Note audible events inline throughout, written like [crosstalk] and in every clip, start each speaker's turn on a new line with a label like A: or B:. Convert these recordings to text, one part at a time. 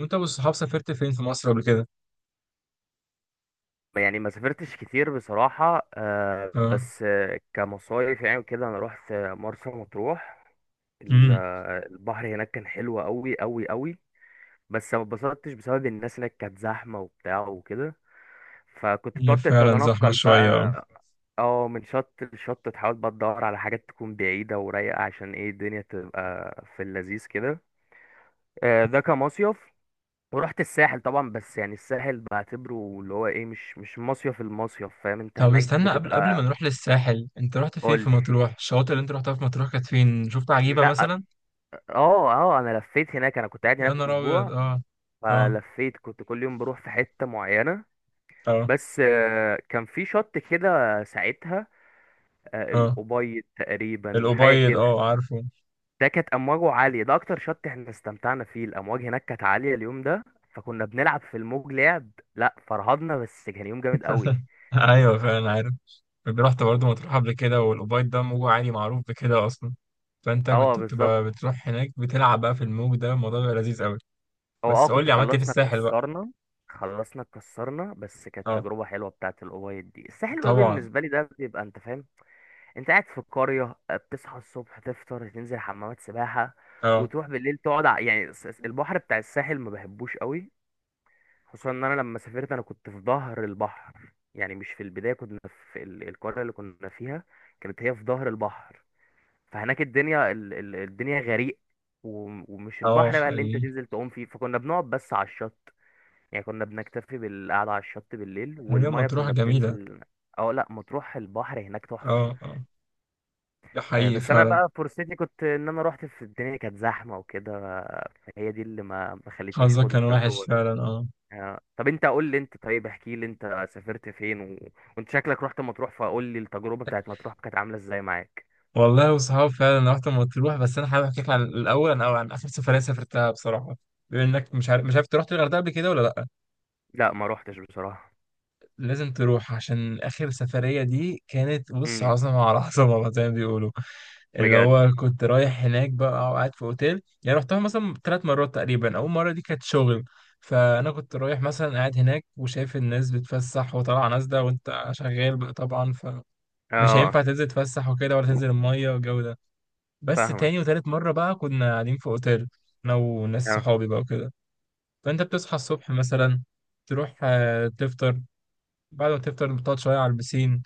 A: وانت والصحاب سافرت فين في مصر قبل كده؟
B: يعني ما سافرتش كتير بصراحة،
A: اه.
B: بس كمصايف يعني وكده أنا روحت مرسى مطروح.
A: امم.
B: البحر هناك كان حلو أوي أوي أوي. بس ما اتبسطتش بسبب الناس هناك كانت زحمة وبتاع وكده، فكنت
A: هي
B: بتقعد
A: فعلا زحمة
B: تتنقل
A: شوية، اه.
B: بقى. اه، من شط لشط تحاول بقى تدور على حاجات تكون بعيدة ورايقة، عشان ايه الدنيا تبقى في اللذيذ كده. ده كمصيف. ورحت الساحل طبعا، بس يعني الساحل بعتبره اللي هو ايه، مش مصيف، المصيف فاهم انت
A: طب
B: هناك
A: استنى، قبل ما
B: بتبقى.
A: نروح للساحل، انت رحت فين
B: قول
A: في مطروح؟ الشواطئ اللي انت رحتها في مطروح كانت فين؟ شفت
B: لي،
A: عجيبة
B: لا.
A: مثلا؟
B: اه اه، انا لفيت هناك، انا كنت قاعد
A: يا
B: هناك
A: نهار ابيض،
B: اسبوع،
A: اه. اه،
B: فلفيت كنت كل يوم بروح في حتة معينة.
A: اه،
B: بس كان في شط كده ساعتها،
A: اه.
B: الأبيض تقريبا حاجة
A: الأبيض،
B: كده.
A: اه، عارفه.
B: ده كانت أمواجه عالية، ده أكتر شط احنا استمتعنا فيه، الأمواج هناك كانت عالية اليوم ده، فكنا بنلعب في الموج لعب. لا فرهضنا، بس كان يوم جامد قوي.
A: [laughs] ايوه، فعلا عارف. كنت رحت برضه مطروح قبل كده، والأبيض ده موجه عالي معروف بكده اصلا. فانت
B: اه
A: كنت
B: بالظبط.
A: بتبقى بتروح هناك بتلعب بقى في الموج، ده الموضوع بيبقى لذيذ قوي.
B: هو
A: بس قول
B: كنت
A: لي، عملت ايه في
B: خلصنا
A: الساحل بقى؟
B: اتكسرنا. خلصنا اتكسرنا، بس كانت
A: اه،
B: تجربة حلوة بتاعت الأبيض دي. الساحل بقى
A: طبعا.
B: بالنسبة لي ده بيبقى انت فاهم، انت قاعد في القرية، بتصحى الصبح تفطر تنزل حمامات سباحة،
A: اه،
B: وتروح بالليل تقعد يعني البحر بتاع الساحل ما بحبوش قوي. خصوصا ان انا لما سافرت انا كنت في ظهر البحر، يعني مش في البداية، كنا في القرية اللي كنا فيها، كانت هي في ظهر البحر. فهناك الدنيا، الدنيا غريق، ومش
A: اه،
B: البحر بقى اللي انت
A: حقيقي.
B: تنزل تعوم فيه، فكنا بنقعد بس على الشط. يعني كنا بنكتفي بالقعدة على الشط بالليل،
A: هي
B: والمية
A: مطروح
B: كنا
A: جميلة.
B: بننزل. اه لا، مطروح البحر هناك تحفة.
A: اه، اه. ده حقيقي
B: بس انا
A: فعلا.
B: بقى فرصتي كنت ان انا روحت في الدنيا كانت زحمه وكده، فهي دي اللي ما خلتنيش
A: حظك
B: اخد
A: كان وحش
B: التجربه دي.
A: فعلا، اه.
B: طب انت قول لي، انت طيب احكي لي انت سافرت فين وانت شكلك رحت مطروح، فقول لي التجربه بتاعت مطروح كانت عامله ازاي معاك.
A: والله وصحاب، فعلا رحت مطروح، بس انا حابب احكي لك عن الاول او عن اخر سفرية سافرتها بصراحة. بما انك مش عارف أنت رحت الغردقة قبل كده ولا لا؟
B: لا ما روحتش بصراحه.
A: لازم تروح، عشان آخر سفرية دي كانت بص،
B: امم.
A: عظمة على عظمة [laughs] بقى زي ما بيقولوا. اللي
B: بجد.
A: هو كنت رايح هناك بقى، وقاعد في أوتيل، يعني رحتها مثلا 3 مرات تقريبا. أول مرة دي كانت شغل. فأنا كنت رايح مثلا، قاعد هناك وشايف الناس بتفسح وطالعة نازلة، وأنت شغال بقى طبعا، فمش
B: اه
A: هينفع تنزل تفسح وكده ولا تنزل المية والجو ده. بس
B: فاهمك.
A: تاني وتالت مرة بقى، كنا قاعدين في أوتيل، أنا وناس
B: اه.
A: صحابي بقى وكده. فأنت بتصحى الصبح مثلا، تروح تفطر، بعد ما تفطر تقعد شوية على البسين،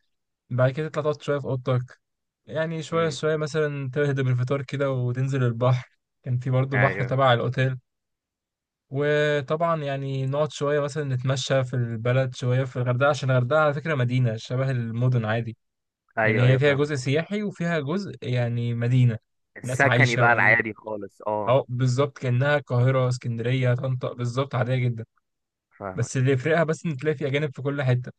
A: بعد كده تطلع تقعد شوية في أوضتك. يعني شوية
B: امم.
A: شوية مثلا، تهدم الفطار كده وتنزل البحر. كان في برضه بحر
B: ايوه
A: تبع الأوتيل. وطبعا يعني نقعد شوية، مثلا نتمشى في البلد شوية، في الغردقة، عشان الغردقة على فكرة مدينة شبه المدن عادي. يعني
B: ايوه
A: هي
B: ايوه
A: فيها
B: فاهمك.
A: جزء سياحي، وفيها جزء يعني مدينة، ناس
B: السكني
A: عايشة
B: بقى
A: وعادي.
B: العادي خالص، اه.
A: أه بالظبط، كأنها القاهرة، اسكندرية، طنطا، بالظبط عادية جدا.
B: فاهمك.
A: بس اللي يفرقها بس، إن تلاقي في أجانب في كل حتة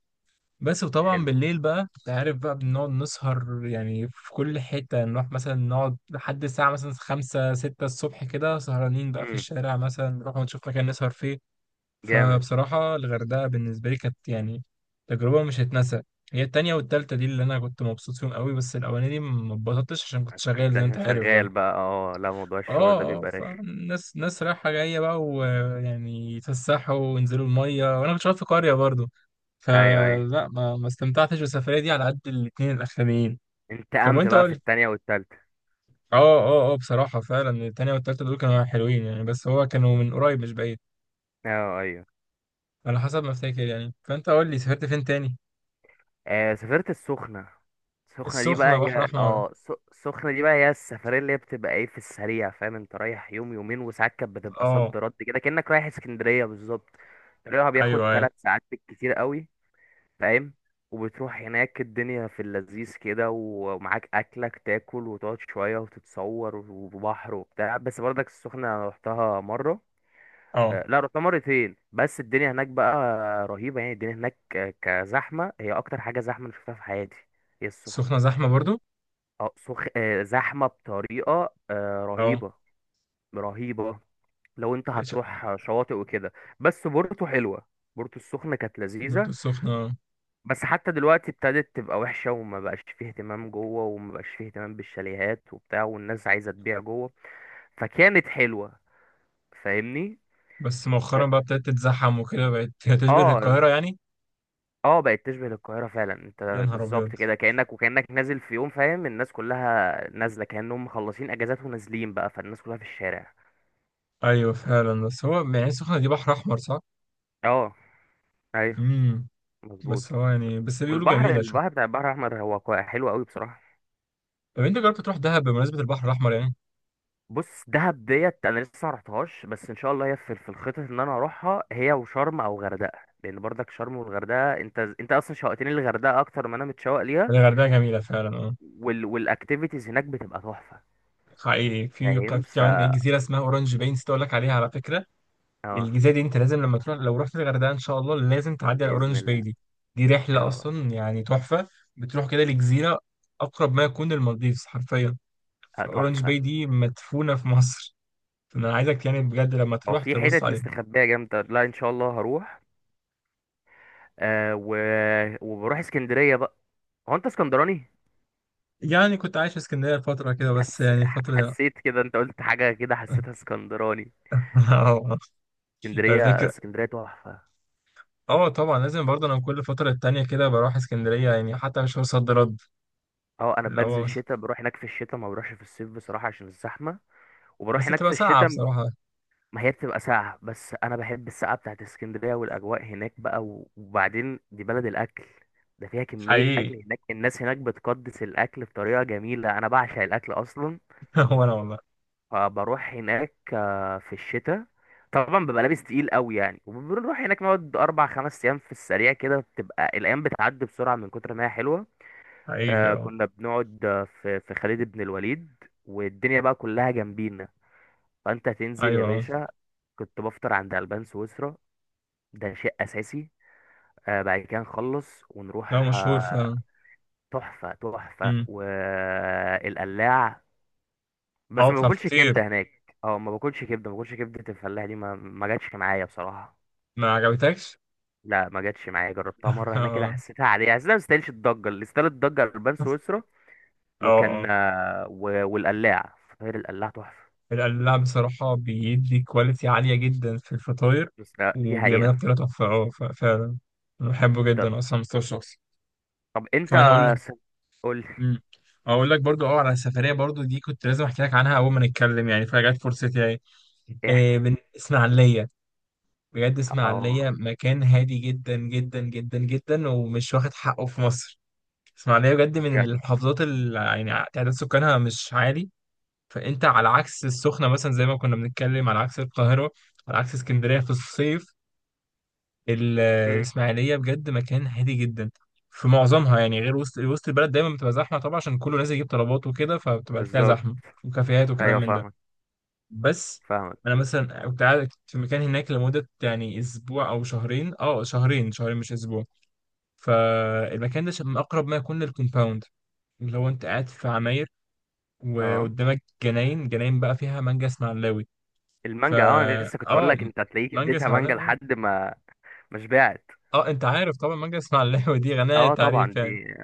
A: بس. وطبعا
B: حلو.
A: بالليل بقى انت عارف بقى، بنقعد نسهر يعني في كل حتة، نروح مثلا نقعد لحد الساعة مثلا خمسة ستة الصبح كده، سهرانين بقى في
B: امم.
A: الشارع، مثلا نروح ونشوف مكان نسهر فيه.
B: جامد.
A: فبصراحة الغردقة بالنسبة لي كانت يعني تجربة مش هتنسى. هي التانية والتالتة دي اللي أنا كنت مبسوط فيهم قوي، بس الأولانية دي ما اتبسطتش عشان كنت شغال
B: كنت
A: زي ما أنت
B: عشان
A: عارف بقى.
B: شغال بقى، اه لا، موضوع الشغل
A: اه،
B: ده
A: اه،
B: بيبقى رخي.
A: فالناس ناس رايحة جاية بقى، ويعني يتفسحوا وينزلوا المية، وانا كنت شغال في قرية برضو.
B: ايوه ايوه.
A: فلا، ما استمتعتش بالسفرية دي على قد الاتنين الأخرانيين. طب
B: انتقمت
A: وانت
B: بقى
A: قول
B: في
A: لي.
B: التانية والتالتة.
A: اه، اه، اه، بصراحة فعلا التانية والتالتة دول كانوا حلوين، يعني بس هو كانوا من قريب مش بعيد،
B: اه ايوه.
A: على حسب ما افتكر يعني. فانت قول لي، سافرت فين تاني؟
B: سافرت السخنة. السخنة دي بقى
A: السخنة بحر
B: هي،
A: أحمر.
B: السخنة دي بقى هي السفرية اللي هي بتبقى ايه في السريع، فاهم؟ انت رايح يوم يومين وساعات، كانت بتبقى
A: اه.
B: صد رد كده كأنك رايح اسكندرية بالظبط. طريقها بياخد
A: ايوه، ايوه،
B: 3 ساعات بالكتير قوي، فاهم؟ وبتروح هناك الدنيا في اللذيذ كده، ومعاك أكلك تاكل وتقعد شوية وتتصور وبحر وبتاع، بس برضك السخنة رحتها مرة.
A: اه.
B: لا، رحت مرتين، بس الدنيا هناك بقى رهيبة. يعني الدنيا هناك كزحمة، هي أكتر حاجة زحمة أنا شفتها في حياتي هي
A: السخنة
B: السخنة.
A: زحمة برضو.
B: اه، سخ... آه، زحمة بطريقة
A: اه.
B: رهيبة. رهيبة. لو أنت هتروح شواطئ وكده، بس بورتو حلوة. بورتو السخنة كانت
A: برضو
B: لذيذة،
A: السخنة.
B: بس حتى دلوقتي ابتدت تبقى وحشة، وما بقاش فيه اهتمام جوه، وما بقاش فيه اهتمام بالشاليهات وبتاع، والناس عايزة تبيع جوه. فكانت حلوة، فاهمني.
A: بس مؤخرا
B: اه.
A: بقى ابتدت تتزحم وكده، بقت [laughs] تشبه
B: آه،
A: القاهرة يعني.
B: اه بقت تشبه القاهرة فعلا
A: يا
B: انت،
A: نهار
B: بالظبط
A: ابيض.
B: كده كأنك وكأنك نازل في يوم، فاهم؟ الناس كلها نازلة كأنهم مخلصين اجازات ونازلين بقى، فالناس كلها في الشارع.
A: ايوه فعلا، بس هو يعني السخنه دي بحر احمر صح؟
B: اه ايوه
A: امم.
B: مظبوط.
A: بس هو يعني، بس بيقولوا
B: والبحر
A: جميله، شوف.
B: البحر بتاع البحر الاحمر هو حلو قوي بصراحة.
A: طب انت جربت تروح دهب، بمناسبه البحر الاحمر يعني؟
B: بص، دهب ديت انا لسه ما رحتهاش، بس ان شاء الله هي في الخطط ان انا اروحها، هي وشرم او غردقة، لان برضك شرم والغردقة، انت اصلا شوقتني للغردقة اكتر ما انا متشوق ليها.
A: يعني الغردقه جميله فعلا، اه.
B: والاكتيفيتيز هناك بتبقى تحفة.
A: حقيقي، في
B: فاهم،
A: في كمان ايه جزيره اسمها اورنج باي، نسيت اقول لك عليها على فكره.
B: اه.
A: الجزيره دي، انت لازم لما تروح، لو رحت الغردقه ان شاء الله، لازم تعدي على
B: بإذن
A: اورنج باي
B: الله.
A: دي. دي رحله
B: اه.
A: اصلا يعني تحفه. بتروح كده لجزيره اقرب ما يكون للمالديفز حرفيا. اورنج
B: تحفة.
A: باي دي مدفونه في مصر. [laughs] فانا عايزك يعني بجد لما
B: هو
A: تروح
B: في
A: تبص
B: حتت
A: عليها.
B: مستخبية جامدة، لا ان شاء الله هروح. آه و... وبروح اسكندرية بقى. هو انت اسكندراني؟
A: يعني كنت عايش في اسكندرية فترة كده، بس يعني الفترة دي.
B: حسيت كده، انت قلت حاجة كده حسيتها اسكندراني.
A: اه. [laughs]
B: اسكندرية
A: الفكرة.
B: اسكندرية تحفة.
A: اه، طبعا لازم برضه، انا كل فترة تانية كده بروح اسكندرية، يعني حتى مش صد رد.
B: اه، انا
A: اللي هو
B: بنزل
A: بس.
B: شتاء، بروح هناك في الشتاء، ما بروحش في الصيف بصراحة عشان الزحمة. وبروح
A: بس
B: هناك في
A: بتبقى ساعة
B: الشتاء.
A: بصراحة.
B: ما هي بتبقى ساقعة، بس انا بحب السقعة بتاعت اسكندرية والاجواء هناك بقى، وبعدين دي بلد الاكل، ده فيها كمية
A: حقيقي.
B: أكل هناك، الناس هناك بتقدس الأكل بطريقة جميلة، أنا بعشق الأكل أصلا.
A: [laughs] هو انا والله.
B: فبروح هناك في الشتاء، طبعا ببقى لابس تقيل قوي يعني، وبنروح هناك نقعد 4 5 ايام في السريع كده، بتبقى الايام بتعدي بسرعه من كتر ما هي حلوه.
A: حقيقي، اه.
B: كنا بنقعد في خالد بن الوليد، والدنيا بقى كلها جنبينا، فانت تنزل يا
A: ايوه، اه.
B: باشا. كنت بفطر عند البان سويسرا، ده شيء اساسي. بعد كده نخلص
A: لا
B: ونروح،
A: مشهور فعلا.
B: تحفه تحفه
A: امم.
B: والقلاع. بس
A: اه،
B: ما
A: بتاع
B: باكلش
A: الفطير.
B: كبده هناك، ما باكلش كبده، الفلاح دي ما جاتش معايا بصراحه.
A: ما عجبتكش؟
B: لا ما جاتش معايا، جربتها
A: [laughs]
B: مره هناك كده،
A: اه،
B: حسيتها عاديه، حسيتها ما تستاهلش الضجه، اللي استاهل الضجه البان سويسرا.
A: اه،
B: وكان،
A: اه.
B: والقلاع فطير القلاع تحفه.
A: القلاع بصراحة بيدي كواليتي عالية جدا في الفطاير،
B: بس لا، دي
A: وبيعملها
B: حقيقه.
A: بطريقة تحفة، اه فعلا. أنا بحبه
B: طب
A: جدا أصلا مستوى الشخصي.
B: طب انت،
A: كمان أقول.
B: س- قول لي
A: امم. اقول لك برضو، اه على السفريه برضو دي كنت لازم احكي لك عنها اول ما نتكلم، يعني فجت فرصتي يعني.
B: ايه، احكي.
A: إيه، من اسماعيليه. بجد
B: اه
A: اسماعيليه مكان هادي جدا جدا جدا جدا، ومش واخد حقه في مصر. اسماعيليه بجد من
B: بجد.
A: المحافظات اللي يعني تعداد سكانها مش عالي. فانت على عكس السخنه مثلا، زي ما كنا بنتكلم، على عكس القاهره، على عكس اسكندريه في الصيف.
B: مم.
A: الإسماعيلية بجد مكان هادي جدا في معظمها، يعني غير وسط البلد، دايما بتبقى زحمة طبعا عشان كله نازل يجيب طلبات وكده، فبتبقى تلاقيها
B: بالظبط.
A: زحمة وكافيهات وكلام
B: ايوه
A: من ده.
B: فاهمك
A: بس.
B: فاهمك.
A: أنا مثلا كنت قاعد في مكان هناك لمدة يعني أسبوع أو شهرين، شهرين شهرين، مش أسبوع. فالمكان ده من أقرب ما يكون للكومباوند، اللي هو أنت قاعد في عماير،
B: اه.
A: وقدامك جناين، جناين بقى فيها مانجا اسماعيلاوي. فا
B: المانجا، انا لسه كنت اقول
A: أه
B: لك انت هتلاقيك
A: مانجا
B: اديتها مانجا
A: اسماعيلاوي، أه.
B: لحد ما ما شبعت.
A: أه أنت عارف طبعا مانجا اسماعيلاوي دي غنية
B: اه طبعا
A: تعريف يعني.
B: دي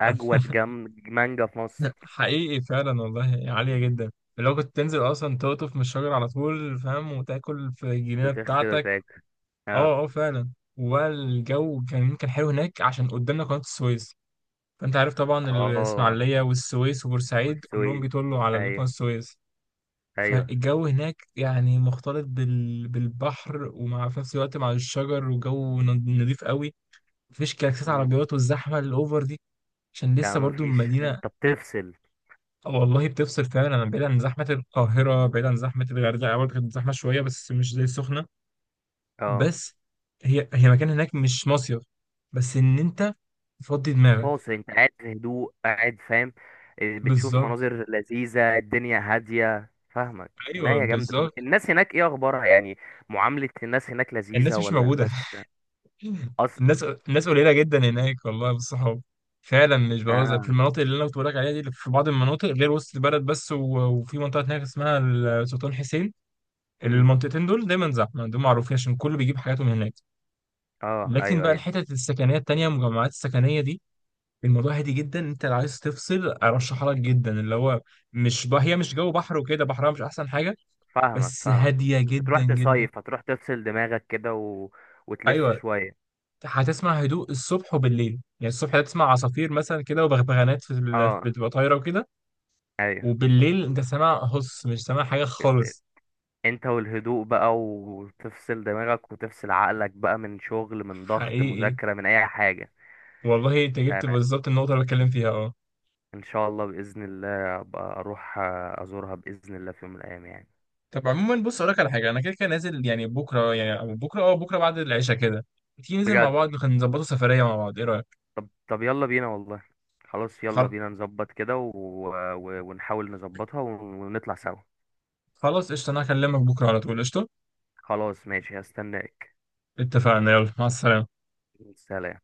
B: اجود
A: [laughs]
B: جم مانجا في مصر.
A: حقيقي فعلا والله عالية جدا. لو كنت تنزل اصلا تقطف من الشجر على طول فاهم، وتاكل في الجنينة
B: بتغسل
A: بتاعتك.
B: وتاكل. اه
A: اه، اه، فعلا. والجو كان حلو هناك عشان قدامنا قناة السويس. فانت عارف طبعا
B: اه.
A: الاسماعيلية والسويس وبورسعيد كلهم
B: والسويد.
A: بيطلوا على قناة
B: ايوه
A: السويس.
B: ايوه.
A: فالجو هناك يعني مختلط بالبحر، ومع في نفس الوقت مع الشجر، وجو نضيف قوي. مفيش كلاكسات
B: امم.
A: عربيات والزحمة الاوفر دي، عشان
B: ده
A: لسه برضو
B: مفيش،
A: مدينة.
B: انت بتفصل.
A: والله بتفصل فعلا، انا بعيد عن زحمه القاهره، بعيد عن زحمه الغردقه برضه، كانت زحمه شويه بس مش زي السخنه.
B: اه.
A: بس. هي مكان هناك مش مصيف، بس ان انت تفضي دماغك.
B: فاصل، انت قاعد في هدوء، قاعد فاهم. إيه، بتشوف
A: بالظبط.
B: مناظر لذيذة، الدنيا هادية فاهمك.
A: ايوه،
B: لا يا جامدة، طب
A: بالظبط.
B: الناس هناك ايه اخبارها يعني؟ معاملة الناس هناك لذيذة
A: الناس مش
B: ولا
A: موجوده.
B: الناس
A: [laughs] الناس
B: اصلا؟
A: الناس قليله جدا هناك والله بالصحاب، فعلا مش بهزر، في
B: اه.
A: المناطق اللي انا كنت بقولك عليها دي، اللي في بعض المناطق غير وسط البلد بس، و- وفي منطقه هناك اسمها السلطان حسين.
B: امم.
A: المنطقتين دول دايما زحمه، دول معروفين عشان كله بيجيب حاجاته من هناك.
B: اه
A: لكن
B: ايوه
A: بقى
B: ايوه
A: الحتت السكنيه التانيه، المجمعات السكنيه دي، الموضوع هادي جدا. انت لو عايز تفصل، ارشحها لك جدا. اللي هو مش بقى هي مش جو بحر وكده، بحرها مش احسن حاجه،
B: فاهمك
A: بس
B: فاهمك.
A: هاديه
B: مش
A: جدا
B: هتروح
A: جدا.
B: تصيف، هتروح تفصل دماغك كده وتلف
A: ايوه.
B: شوية.
A: هتسمع هدوء الصبح وبالليل. يعني الصبح هتسمع عصافير مثلا كده، وبغبغانات
B: اه
A: بتبقى طايره وكده.
B: ايوه.
A: وبالليل انت سامع هص، مش سامع حاجه خالص.
B: انت والهدوء بقى، وتفصل دماغك وتفصل عقلك بقى من شغل، من ضغط،
A: حقيقي.
B: مذاكرة، من اي حاجة.
A: والله انت
B: لا
A: جبت
B: لا.
A: بالظبط النقطه اللي بتكلم فيها، اه.
B: ان شاء الله بإذن الله ابقى اروح، ازورها بإذن الله في يوم من الايام يعني.
A: طب عموما بص، اقول لك على حاجه، انا كده كده نازل يعني بكره، يعني أو بكره بكره بعد العشاء كده، تيجي ننزل مع
B: بجد.
A: بعض، نظبطوا سفريه مع بعض، ايه رايك؟
B: طب طب يلا بينا والله. خلاص يلا
A: خل-
B: بينا نظبط كده ونحاول نظبطها ونطلع سوا.
A: خلاص قشطه، انا هكلمك بكره على طول، قشطه.
B: خلاص ماشي هستناك.
A: اتفقنا، يلا مع السلامه.
B: سلام.